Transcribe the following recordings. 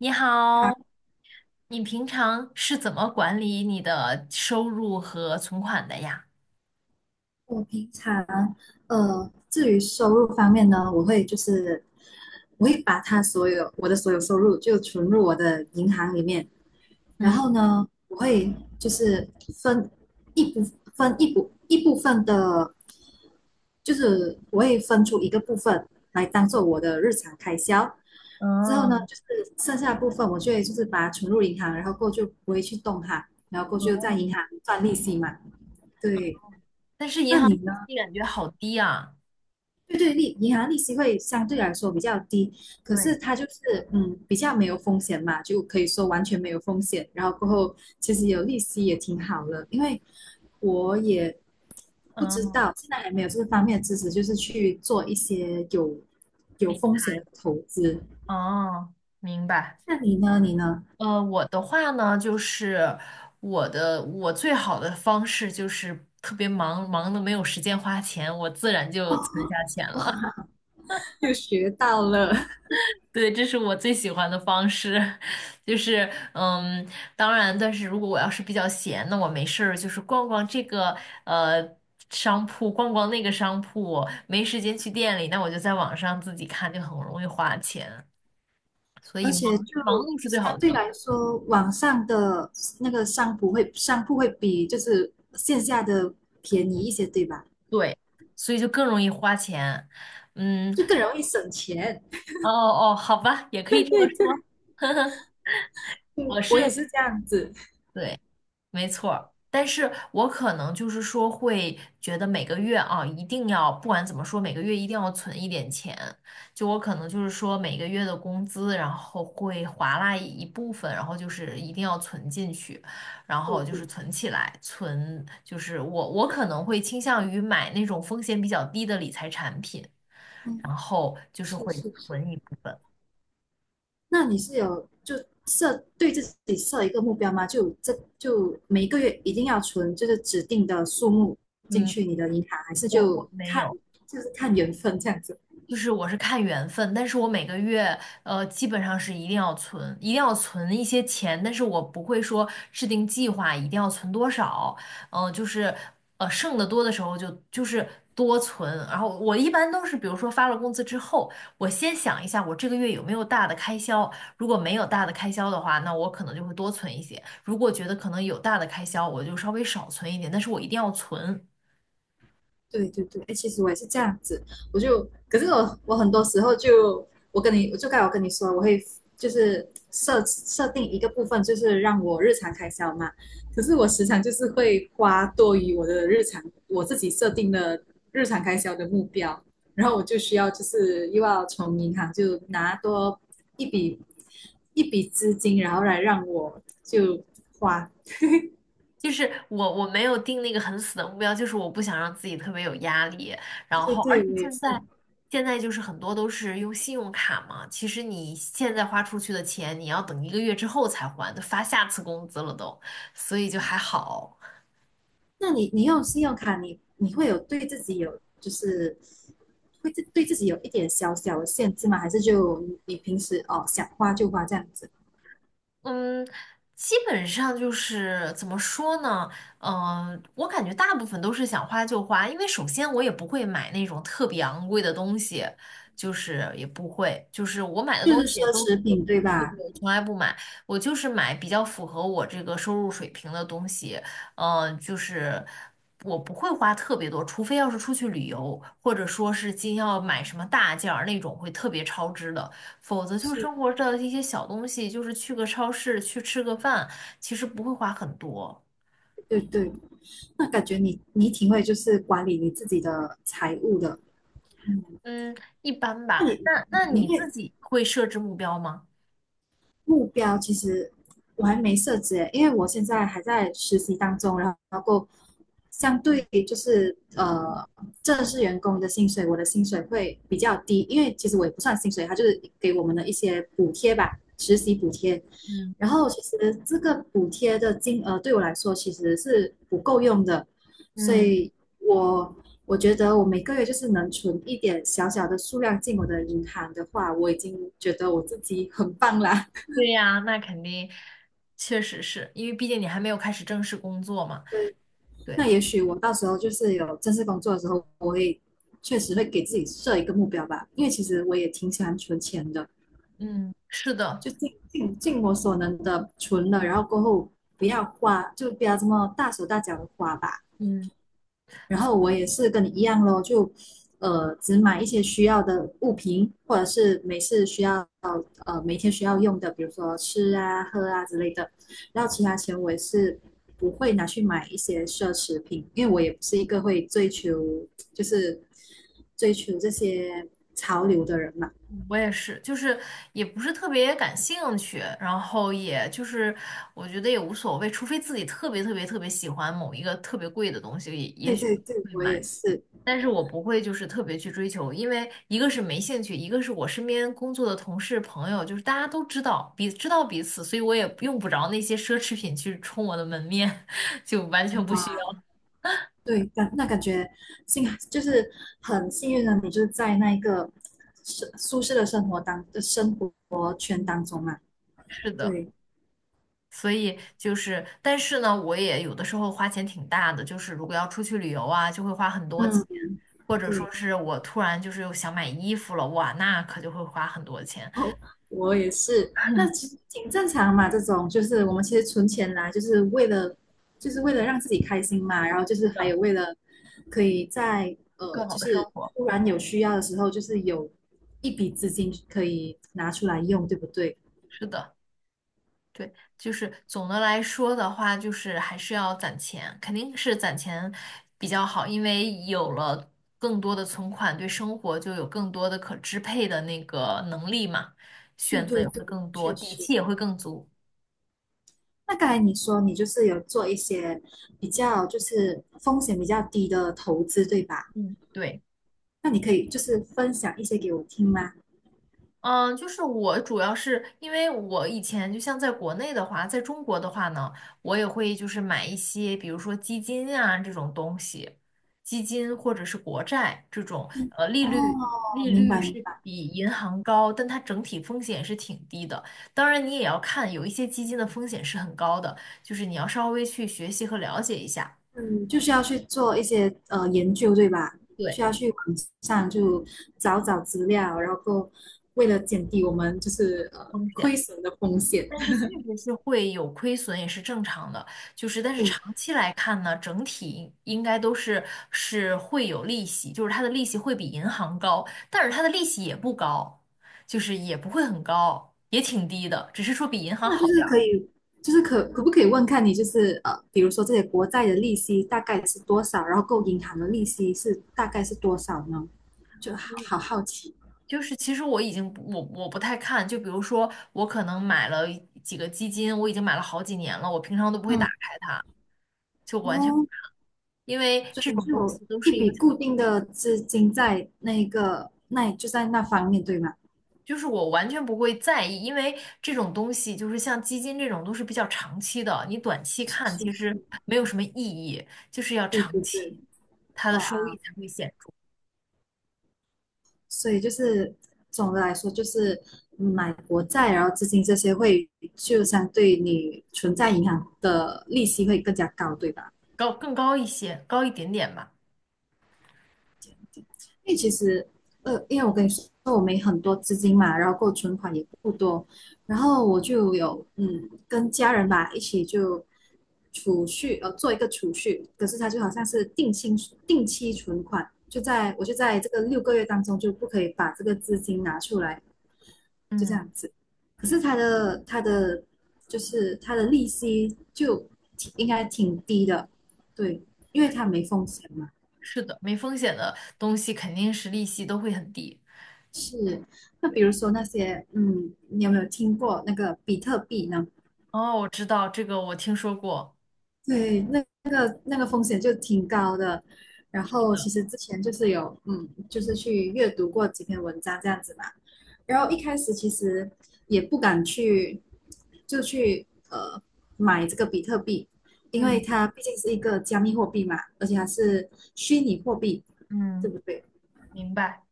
你你好。好，你平常是怎么管理你的收入和存款的呀？我平常至于收入方面呢，我会就是把它所有我的所有收入就存入我的银行里面。然后嗯，呢，我会就是分一部一部分的，就是我会分出一个部分来当做我的日常开销。之后呢，嗯，就是剩下的部分我就会就是把它存入银行，然后过后就不会去动它，然后过后就在银哦行赚利息嘛。对。但是银那行你呢？利息感觉好低啊。对对，银行利息会相对来说比较低，可是对，它就是比较没有风险嘛，就可以说完全没有风险。然后过后其实有利息也挺好的，因为我也不知嗯，道，现在还没有这个方面的知识，就是去做一些有理风险的投资。哦，明白。那你呢？你呢？我的话呢，就是我最好的方式就是特别忙，忙的没有时间花钱，我自然就存下钱了。又学到了。对，这是我最喜欢的方式，就是嗯，当然，但是如果我要是比较闲，那我没事儿就是逛逛这个呃商铺，逛逛那个商铺，没时间去店里，那我就在网上自己看，就很容易花钱，所而以且就忙碌是最相好的对状态，来说，网上的那个商铺会比就是线下的便宜一些，对吧？对，所以就更容易花钱，嗯，就更容易省钱。哦哦，好吧，也可以 这么对说，对。呵呵，我对，我也是。是这样子。对。没错儿，但是我可能就是说会觉得每个月啊，一定要不管怎么说，每个月一定要存一点钱。就我可能就是说每个月的工资，然后会划拉一部分，然后就是一定要存进去，然对后就是对，存起来，就是我可能会倾向于买那种风险比较低的理财产品，然嗯，后就是是会是是。存一部分。那你是有就对自己设一个目标吗？就每个月一定要存就是指定的数目进嗯，去你的银行，还是我就没看有。就是看缘分这样子？就是我是看缘分，但是我每个月基本上是一定要存，一定要存一些钱，但是我不会说制定计划一定要存多少，嗯、就是剩的多的时候就是多存，然后我一般都是比如说发了工资之后，我先想一下我这个月有没有大的开销，如果没有大的开销的话，那我可能就会多存一些，如果觉得可能有大的开销，我就稍微少存一点，但是我一定要存。对对对，哎，其实我也是这样子。可是我很多时候就，我跟你，我就刚才我跟你说，我会就是设定一个部分，就是让我日常开销嘛。可是我时常就是会花多于我的日常，我自己设定的日常开销的目标，然后我就需要就是又要从银行就拿多一笔一笔资金，然后来让我就花。就是我没有定那个很死的目标，就是我不想让自己特别有压力。然对后，而对，且我也是。现在就是很多都是用信用卡嘛，其实你现在花出去的钱，你要等一个月之后才还，都发下次工资了都，所以就还好。那你用信用卡你会有对自己有就是会自对自己有一点小小的限制吗？还是就你平时想花就花这样子。嗯，基本上就是怎么说呢？嗯、我感觉大部分都是想花就花，因为首先我也不会买那种特别昂贵的东西，就是也不会，就是我买的就东是西奢也都。侈品对吧？我从来不买，我就是买比较符合我这个收入水平的东西。嗯、就是我不会花特别多，除非要是出去旅游，或者说是今要买什么大件儿那种会特别超支的，否则就是是，生活的一些小东西，就是去个超市去吃个饭，其实不会花很多。对对。那感觉你挺会就是管理你自己的财务的。嗯。嗯，一般那吧。你那那你你自会己会设置目标吗？目标其实我还没设置耶，因为我现在还在实习当中。然后相对就是正式员工的薪水，我的薪水会比较低，因为其实我也不算薪水，它就是给我们的一些补贴吧，实习补贴。嗯然后其实这个补贴的金额对我来说其实是不够用的，所嗯，以我我觉得我每个月就是能存一点小小的数量进我的银行的话，我已经觉得我自己很棒啦。对呀，那肯定，确实是因为毕竟你还没有开始正式工作嘛。对，那对，也许我到时候就是有正式工作的时候，我会确实会给自己设一个目标吧，因为其实我也挺喜欢存钱的，嗯是的，就尽我所能的存了，然后过后不要花，就不要这么大手大脚的花吧。嗯然后我也是跟你一样咯。就只买一些需要的物品，或者是每次需要每天需要用的，比如说吃啊、喝啊之类的。然后其他钱我也是不会拿去买一些奢侈品，因为我也不是一个会追求就是追求这些潮流的人嘛。我也是，就是也不是特别感兴趣，然后也就是我觉得也无所谓，除非自己特别特别特别喜欢某一个特别贵的东西，也也对许对对，会我买，也是。但是我不会就是特别去追求，因为一个是没兴趣，一个是我身边工作的同事朋友，就是大家都知道知道彼此，所以我也不着那些奢侈品去冲我的门面，就完全不需要。对。感觉幸就是很幸运的，你就是在那一个舒适的生活圈嗯，当中嘛。是的。对。所以就是，但是呢，我也有的时候花钱挺大的，就是如果要出去旅游啊，就会花很多钱，嗯。或者说对。是我突然就是又想买衣服了，哇，那可就会花很多钱。哦，我也是，那其实挺正常嘛。这种就是我们其实存钱来，就是为了就是为了让自己开心嘛，然后就是是还的，有为了可以在，更好就的是生活。突然有需要的时候，就是有一笔资金可以拿出来用，对不对？是的，对，就是总的来说的话，就是还是要攒钱，肯定是攒钱比较好，因为有了更多的存款，对生活就有更多的可支配的那个能力嘛，对选择对也会对，更多，确底实。气也会更足。那刚才你说你就是有做一些比较就是风险比较低的投资，对吧？嗯，对。那你可以就是分享一些给我听吗？嗯，就是我主要是因为我以前就像在国内的话，在中国的话呢，我也会就是买一些，比如说基金啊这种东西，基金或者是国债这种，利率哦，利明率白明是白。比银行高，但它整体风险是挺低的。当然，你也要看有一些基金的风险是很高的，就是你要稍微去学习和了解一下，嗯，就是要去做一些研究，对吧？需对，要去网上就找找资料，然后为了减低我们就是风险。亏损的风险。但是确实是会有亏损，也是正常的。就是，但 是对。长期来看呢，整体应该都是是会有利息，就是它的利息会比银行高，但是它的利息也不高，就是也不会很高，也挺低的，只是说比银行那好就是点儿。可以，就是可不可以问看你，就是，比如说这些国债的利息大概是多少，然后够银行的利息是大概是多少呢？就好奇。就是其实我已经不我不太看，就比如说我可能买了几个基金，我已经买了好几年了，我平常都不会打嗯。开，就完全。不哦，看，因为所这以种就东有西都一是一个笔固定的资金在那个那就在那方面，对吗？就是我完全不会在意，因为这种东西就是像基金这种都是比较长期的，你短期看是是其是。实没有什么意义，就是要对对长期，对。它的收益哇，才会显著，所以就是总的来说就是买国债，然后资金这些会就相对你存在银行的利息会更加高，对吧？高，更高一些，高一点点吧。因为其实，因为我跟你说，我没很多资金嘛，然后够存款也不多，然后我就有跟家人吧一起就储蓄。做一个储蓄。可是它就好像是定期存款，就在我就在这个六个月当中就不可以把这个资金拿出来，就这嗯，样子。可是它的就是它的利息就应该挺低的，对，因为它没风险嘛。是的，没风险的东西肯定是利息都会很低。是，那对，比如说那些，嗯，你有没有听过那个比特币呢？哦，我知道这个，我听说过。对，那那个风险就挺高的。然是后的，其实之前就是有，嗯，就是去阅读过几篇文章这样子嘛。然后一开始其实也不敢去，就去买这个比特币，因为嗯它毕竟是一个加密货币嘛，而且它是虚拟货币，嗯，对不对？明白。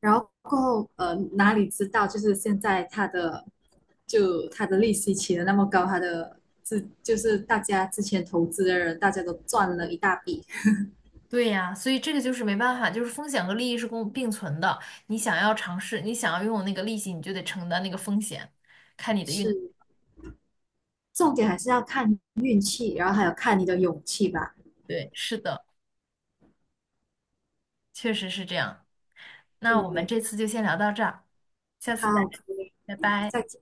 然后过后，哪里知道就是现在它的就它的利息起得那么高，它的就是大家之前投资的人，大家都赚了一大笔。对呀，所以这个就是没办法，就是风险和利益是共并存的。你想要尝试，你想要拥有那个利息，你就得承担那个风险，看你的运。是，重点还是要看运气，然后还有看你的勇气吧。对，是的，确实是这样。那我们对，这次就先聊到这儿，下次再好，聊，可以，拜拜。再见。